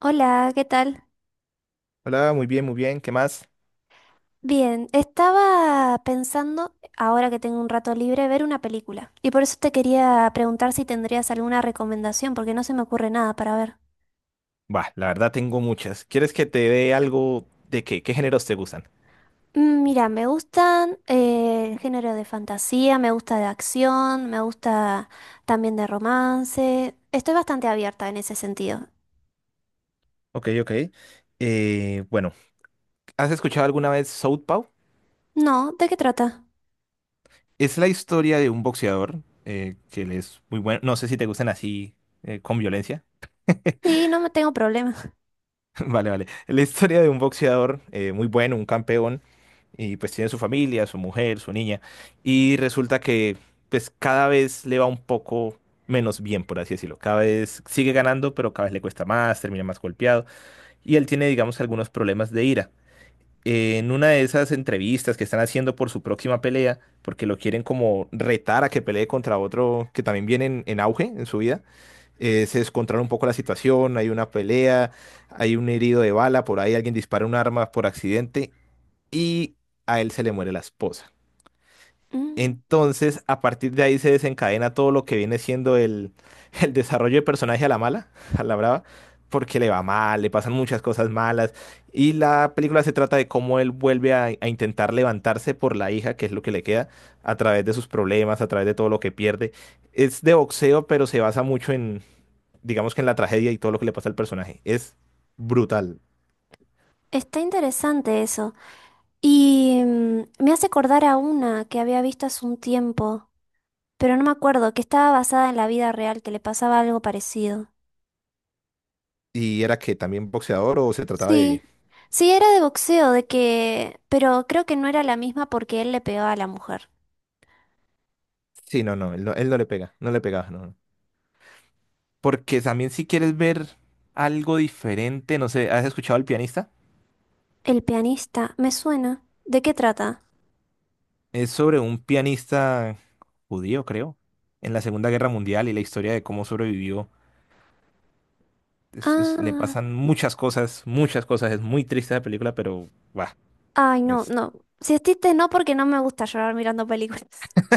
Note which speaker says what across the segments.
Speaker 1: Hola, ¿qué tal?
Speaker 2: Hola, muy bien, muy bien. ¿Qué más?
Speaker 1: Bien, estaba pensando, ahora que tengo un rato libre, ver una película. Y por eso te quería preguntar si tendrías alguna recomendación, porque no se me ocurre nada para ver.
Speaker 2: Bah, la verdad tengo muchas. ¿Quieres que te dé algo de qué? ¿Qué géneros te gustan?
Speaker 1: Mm, mira, me gustan el género de fantasía, me gusta de acción, me gusta también de romance. Estoy bastante abierta en ese sentido.
Speaker 2: Ok, ok. Eh, bueno, ¿Has escuchado alguna vez Southpaw?
Speaker 1: No, ¿de qué trata?
Speaker 2: Es la historia de un boxeador que él es muy bueno. No sé si te gustan así con violencia.
Speaker 1: Sí, no me tengo problema.
Speaker 2: Vale, vale. La historia de un boxeador muy bueno, un campeón. Y pues tiene su familia, su mujer, su niña, y resulta que pues cada vez le va un poco menos bien, por así decirlo. Cada vez sigue ganando, pero cada vez le cuesta más, termina más golpeado, y él tiene, digamos, algunos problemas de ira. En una de esas entrevistas que están haciendo por su próxima pelea, porque lo quieren como retar a que pelee contra otro que también viene en auge en su vida, se descontrola un poco la situación, hay una pelea, hay un herido de bala, por ahí alguien dispara un arma por accidente y a él se le muere la esposa.
Speaker 1: Mm,
Speaker 2: Entonces, a partir de ahí se desencadena todo lo que viene siendo el, el desarrollo de personaje a la mala, a la brava, porque le va mal, le pasan muchas cosas malas. Y la película se trata de cómo él vuelve a intentar levantarse por la hija, que es lo que le queda, a través de sus problemas, a través de todo lo que pierde. Es de boxeo, pero se basa mucho en, digamos que en la tragedia y todo lo que le pasa al personaje. Es brutal.
Speaker 1: está interesante eso. Y me hace acordar a una que había visto hace un tiempo, pero no me acuerdo, que estaba basada en la vida real, que le pasaba algo parecido.
Speaker 2: ¿Y era que también boxeador o se trataba
Speaker 1: Sí,
Speaker 2: de,
Speaker 1: sí, era de boxeo, de que... pero creo que no era la misma porque él le pegaba a la mujer.
Speaker 2: sí, no, no, él no, él no le pega, no le pegaba, no. No. Porque también si quieres ver algo diferente, no sé, ¿has escuchado al pianista?
Speaker 1: El pianista, me suena. ¿De qué trata?
Speaker 2: Es sobre un pianista judío, creo, en la Segunda Guerra Mundial y la historia de cómo sobrevivió. Le
Speaker 1: Ah,
Speaker 2: pasan muchas cosas, muchas cosas. Es muy triste la película, pero va.
Speaker 1: ay, no,
Speaker 2: Es...
Speaker 1: no. Si es triste, no, porque no me gusta llorar mirando películas.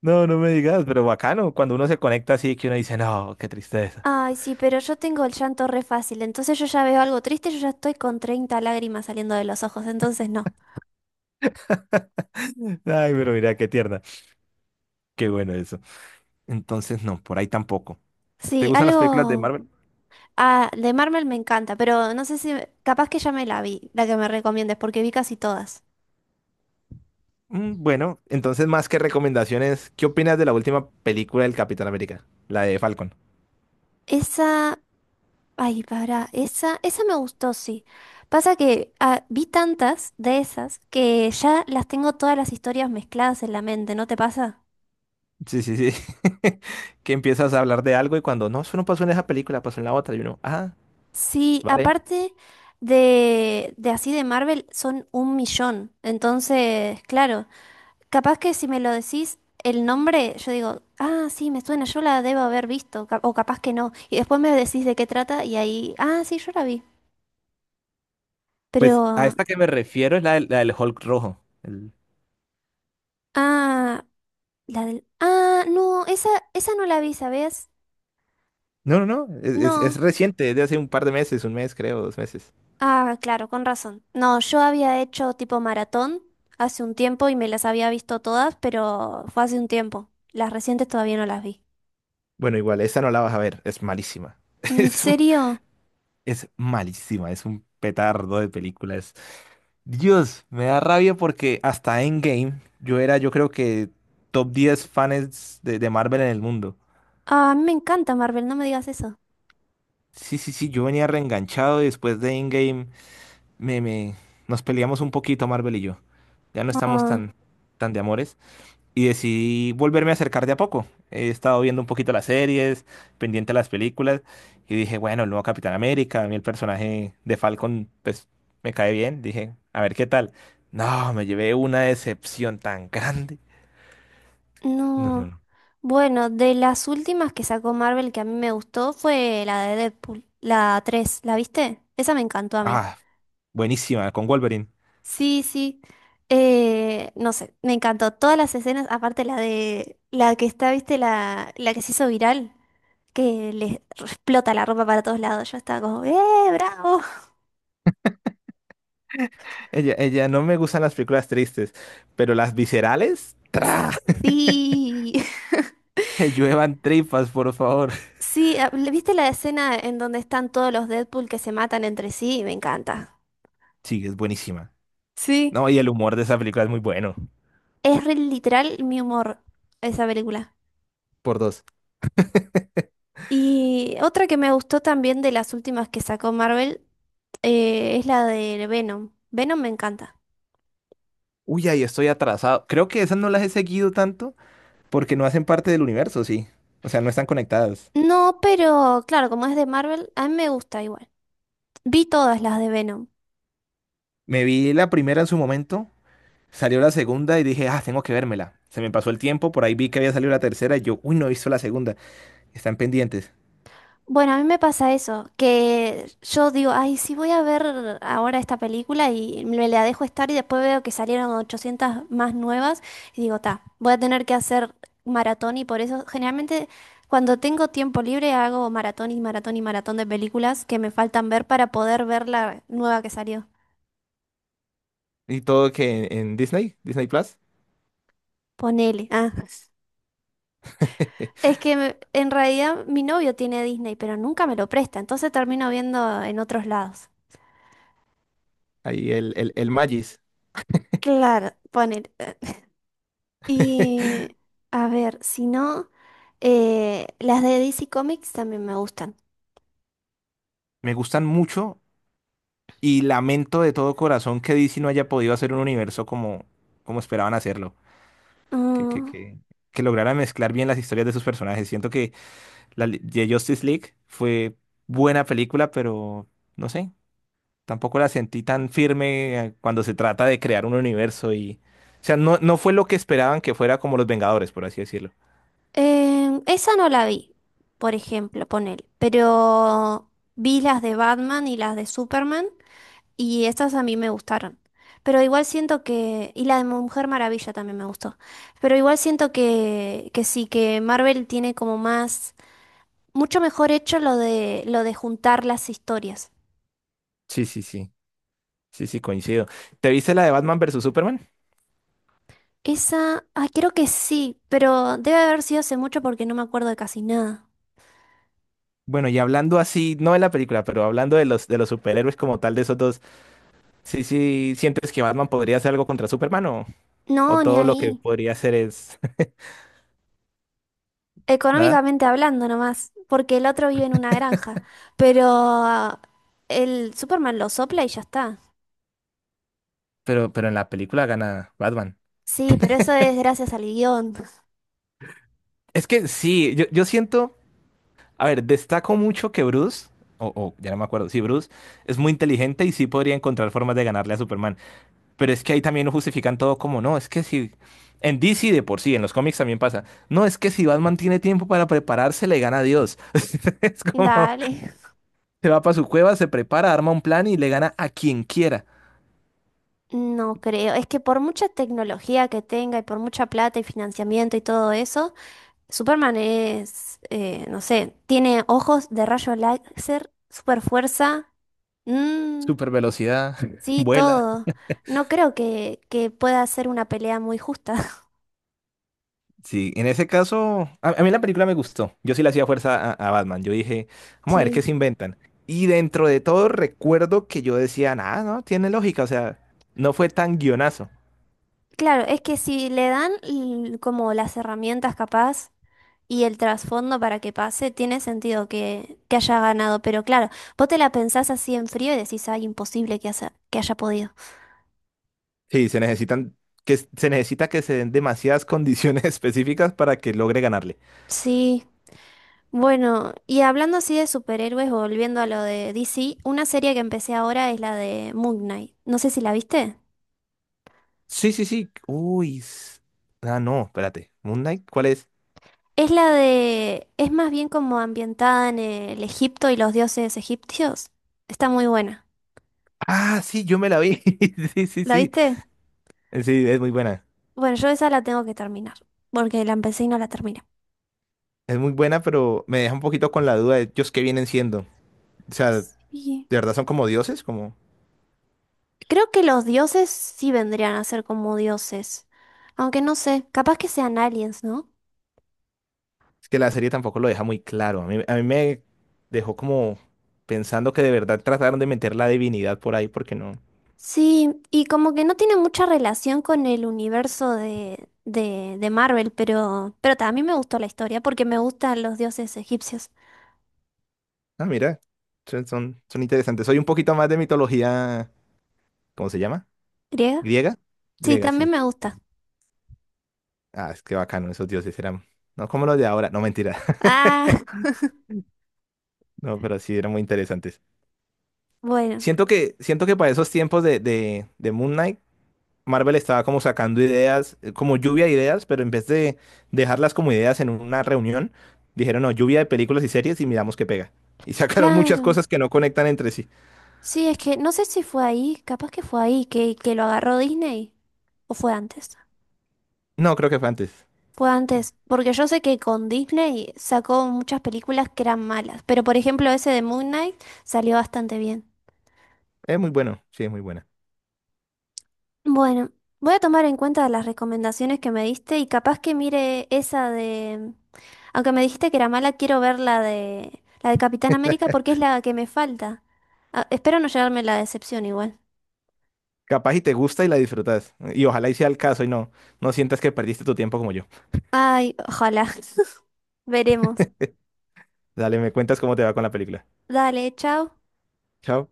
Speaker 2: No, no me digas, pero bacano. Cuando uno se conecta así, que uno dice, no, qué tristeza.
Speaker 1: Ay, sí, pero yo tengo el llanto re fácil, entonces yo ya veo algo triste, yo ya estoy con 30 lágrimas saliendo de los ojos, entonces no.
Speaker 2: Ay, pero mira, qué tierna. Qué bueno eso. Entonces, no, por ahí tampoco. ¿Te
Speaker 1: Sí,
Speaker 2: gustan las películas de
Speaker 1: algo...
Speaker 2: Marvel?
Speaker 1: Ah, de Marvel me encanta, pero no sé si... Capaz que ya me la vi, la que me recomiendes, porque vi casi todas.
Speaker 2: Mm, bueno, entonces más que recomendaciones, ¿qué opinas de la última película del Capitán América? La de Falcon.
Speaker 1: Esa... Ay, para, esa me gustó, sí. Pasa que vi tantas de esas que ya las tengo todas las historias mezcladas en la mente, ¿no te pasa?
Speaker 2: Sí, sí, sí. Que empiezas a hablar de algo y cuando no, eso no pasó en esa película, pasó en la otra. Y uno, ah,
Speaker 1: Sí,
Speaker 2: vale.
Speaker 1: aparte de así de Marvel son un millón. Entonces, claro, capaz que si me lo decís el nombre, yo digo, ah, sí, me suena, yo la debo haber visto, o capaz que no. Y después me decís de qué trata y ahí, ah, sí, yo la vi. Pero,
Speaker 2: Pues a esta que me refiero es la del Hulk rojo.
Speaker 1: ah, la del, ah, no, esa no la vi, ¿sabes?
Speaker 2: No, no, no, es
Speaker 1: No.
Speaker 2: reciente, es de hace un par de meses, un mes creo, dos meses.
Speaker 1: Ah, claro, con razón. No, yo había hecho tipo maratón hace un tiempo y me las había visto todas, pero fue hace un tiempo. Las recientes todavía no las vi.
Speaker 2: Bueno, igual, esa no la vas a ver, es malísima.
Speaker 1: ¿En
Speaker 2: Es, un-
Speaker 1: serio?
Speaker 2: es malísima, es un petardo de películas. Dios, me da rabia porque hasta Endgame yo era, yo creo que top 10 fans de Marvel en el mundo.
Speaker 1: Ah, a mí me encanta Marvel, no me digas eso.
Speaker 2: Sí, sí, sí, yo venía reenganchado y después de Endgame me, me, nos peleamos un poquito Marvel y yo. Ya no estamos
Speaker 1: Ah.
Speaker 2: tan, tan de amores. Y decidí volverme a acercar de a poco. He estado viendo un poquito las series, pendiente a las películas y dije, bueno, el nuevo Capitán América, a mí el personaje de Falcon, pues me cae bien. Dije, a ver qué tal. No, me llevé una decepción tan grande. No, no,
Speaker 1: No.
Speaker 2: no.
Speaker 1: Bueno, de las últimas que sacó Marvel que a mí me gustó fue la de Deadpool, la tres, ¿la viste? Esa me encantó a mí.
Speaker 2: Ah, buenísima, con Wolverine.
Speaker 1: Sí, sí. No sé, me encantó todas las escenas, aparte la de la que está, ¿viste? La que se hizo viral, que le explota la ropa para todos lados. Yo estaba como, ¡eh, bravo!
Speaker 2: Ella, no me gustan las películas tristes, pero las viscerales, ¡tra!
Speaker 1: Sí.
Speaker 2: Que lluevan tripas, por favor.
Speaker 1: Sí, a- ¿viste la escena en donde están todos los Deadpool que se matan entre sí? Me encanta.
Speaker 2: Sí, es buenísima.
Speaker 1: Sí.
Speaker 2: No, y el humor de esa película es muy bueno.
Speaker 1: Es re literal mi humor esa película.
Speaker 2: Por dos.
Speaker 1: Y otra que me gustó también de las últimas que sacó Marvel es la de Venom. Venom me encanta.
Speaker 2: Uy, ahí estoy atrasado. Creo que esas no las he seguido tanto porque no hacen parte del universo, sí. O sea, no están conectadas.
Speaker 1: No, pero claro, como es de Marvel, a mí me gusta igual. Vi todas las de Venom.
Speaker 2: Me vi la primera en su momento, salió la segunda y dije, ah, tengo que vérmela. Se me pasó el tiempo, por ahí vi que había salido la tercera y yo, uy, no he visto la segunda. Están pendientes.
Speaker 1: Bueno, a mí me pasa eso, que yo digo, ay, sí voy a ver ahora esta película y me la dejo estar y después veo que salieron 800 más nuevas y digo, ta, voy a tener que hacer maratón y por eso generalmente cuando tengo tiempo libre hago maratón y maratón y maratón de películas que me faltan ver para poder ver la nueva que salió.
Speaker 2: Y todo que en Disney, Disney Plus.
Speaker 1: Ponele. Ah. Es que en realidad mi novio tiene Disney, pero nunca me lo presta, entonces termino viendo en otros lados.
Speaker 2: Ahí el Magis.
Speaker 1: Claro, ponele. Y a ver, si no, las de DC Comics también me gustan.
Speaker 2: Me gustan mucho y lamento de todo corazón que DC no haya podido hacer un universo como, como esperaban hacerlo. Que, que,
Speaker 1: Mm,
Speaker 2: que, que lograra mezclar bien las historias de sus personajes. Siento que de Justice League fue buena película, pero no sé, tampoco la sentí tan firme cuando se trata de crear un universo y... O sea, no, no fue lo que esperaban que fuera como Los Vengadores, por así decirlo.
Speaker 1: esa no la vi, por ejemplo, ponele, pero vi las de Batman y las de Superman y estas a mí me gustaron. Pero igual siento que, y la de Mujer Maravilla también me gustó, pero igual siento que sí, que Marvel tiene como más, mucho mejor hecho lo de juntar las historias.
Speaker 2: Sí, sí, sí. Sí, sí, coincido. ¿Te viste la de Batman versus Superman?
Speaker 1: Esa, ay, creo que sí, pero debe haber sido hace mucho porque no me acuerdo de casi nada.
Speaker 2: Bueno, y hablando así, no de la película, pero hablando de los superhéroes como tal, de esos dos, sí, sí, ¿sientes que Batman podría hacer algo contra Superman o
Speaker 1: No, ni
Speaker 2: todo lo que
Speaker 1: ahí.
Speaker 2: podría hacer es nada?
Speaker 1: Económicamente hablando nomás, porque el otro vive en una granja, pero el Superman lo sopla y ya está.
Speaker 2: Pero en la película gana Batman.
Speaker 1: Sí, pero eso es gracias al guión.
Speaker 2: Es que sí, yo siento, a ver, destaco mucho que Bruce, o ya no me acuerdo, sí, Bruce es muy inteligente y sí podría encontrar formas de ganarle a Superman. Pero es que ahí también lo justifican todo como, no, es que si... En DC de por sí, en los cómics también pasa. No, es que si Batman tiene tiempo para prepararse, le gana a Dios. Es como,
Speaker 1: Dale.
Speaker 2: se va para su cueva, se prepara, arma un plan y le gana a quien quiera.
Speaker 1: No creo, es que por mucha tecnología que tenga y por mucha plata y financiamiento y todo eso, Superman es, no sé, tiene ojos de rayo láser, super fuerza.
Speaker 2: Super velocidad,
Speaker 1: Sí,
Speaker 2: vuela.
Speaker 1: todo. No creo que pueda ser una pelea muy justa.
Speaker 2: Sí, en ese caso, a mí la película me gustó. Yo sí le hacía fuerza a Batman. Yo dije, vamos a ver qué
Speaker 1: Sí.
Speaker 2: se inventan. Y dentro de todo recuerdo que yo decía, nada, no, tiene lógica. O sea, no fue tan guionazo.
Speaker 1: Claro, es que si le dan como las herramientas capaz y el trasfondo para que pase, tiene sentido que haya ganado. Pero claro, vos te la pensás así en frío y decís, ay, imposible que haya podido.
Speaker 2: Sí, se necesitan Que se necesita que se den demasiadas condiciones específicas para que logre ganarle.
Speaker 1: Sí. Bueno, y hablando así de superhéroes, volviendo a lo de DC, una serie que empecé ahora es la de Moon Knight. No sé si la viste.
Speaker 2: Sí, sí, sí. Uy. Ah, no, espérate. Moon Knight, ¿cuál es?
Speaker 1: Es la de... Es más bien como ambientada en el Egipto y los dioses egipcios. Está muy buena.
Speaker 2: Ah, sí, yo me la vi. Sí, sí,
Speaker 1: ¿La
Speaker 2: sí.
Speaker 1: viste?
Speaker 2: Sí, es muy buena.
Speaker 1: Bueno, yo esa la tengo que terminar, porque la empecé y no la terminé.
Speaker 2: Es muy buena, pero me deja un poquito con la duda de ellos qué vienen siendo. O sea, ¿de
Speaker 1: Sí.
Speaker 2: verdad son como dioses? Como
Speaker 1: Creo que los dioses sí vendrían a ser como dioses. Aunque no sé, capaz que sean aliens, ¿no?
Speaker 2: es que la serie tampoco lo deja muy claro. A mí me dejó como pensando que de verdad trataron de meter la divinidad por ahí porque no.
Speaker 1: Sí, y como que no tiene mucha relación con el universo de Marvel, pero también me gustó la historia porque me gustan los dioses egipcios.
Speaker 2: Ah, mira, son, son interesantes. Soy un poquito más de mitología, ¿cómo se llama?
Speaker 1: ¿Griega?
Speaker 2: ¿Griega?
Speaker 1: Sí,
Speaker 2: Griega,
Speaker 1: también
Speaker 2: sí.
Speaker 1: me gusta.
Speaker 2: Ah, es que bacano, esos dioses eran, no como los de ahora, no mentira,
Speaker 1: Ah,
Speaker 2: no, pero sí eran muy interesantes.
Speaker 1: bueno,
Speaker 2: Siento que para esos tiempos de Moon Knight, Marvel estaba como sacando ideas, como lluvia de ideas, pero en vez de dejarlas como ideas en una reunión, dijeron, no, lluvia de películas y series y miramos qué pega. Y sacaron muchas
Speaker 1: claro.
Speaker 2: cosas que no conectan entre sí.
Speaker 1: Sí, es que no sé si fue ahí, capaz que fue ahí que lo agarró Disney. ¿O fue antes?
Speaker 2: No, creo que fue antes.
Speaker 1: Fue antes, porque yo sé que con Disney sacó muchas películas que eran malas, pero por ejemplo ese de Moon Knight salió bastante bien.
Speaker 2: Es muy bueno, sí, es muy bueno.
Speaker 1: Bueno, voy a tomar en cuenta las recomendaciones que me diste y capaz que mire esa de... Aunque me dijiste que era mala, quiero ver la de Capitán América porque es la que me falta. Ah, espero no llevarme la decepción igual.
Speaker 2: Capaz y te gusta y la disfrutas. Y ojalá y sea el caso y no, no sientas que perdiste tu tiempo como yo.
Speaker 1: Ay, ojalá. Veremos.
Speaker 2: Dale, me cuentas cómo te va con la película.
Speaker 1: Dale, chao.
Speaker 2: Chao.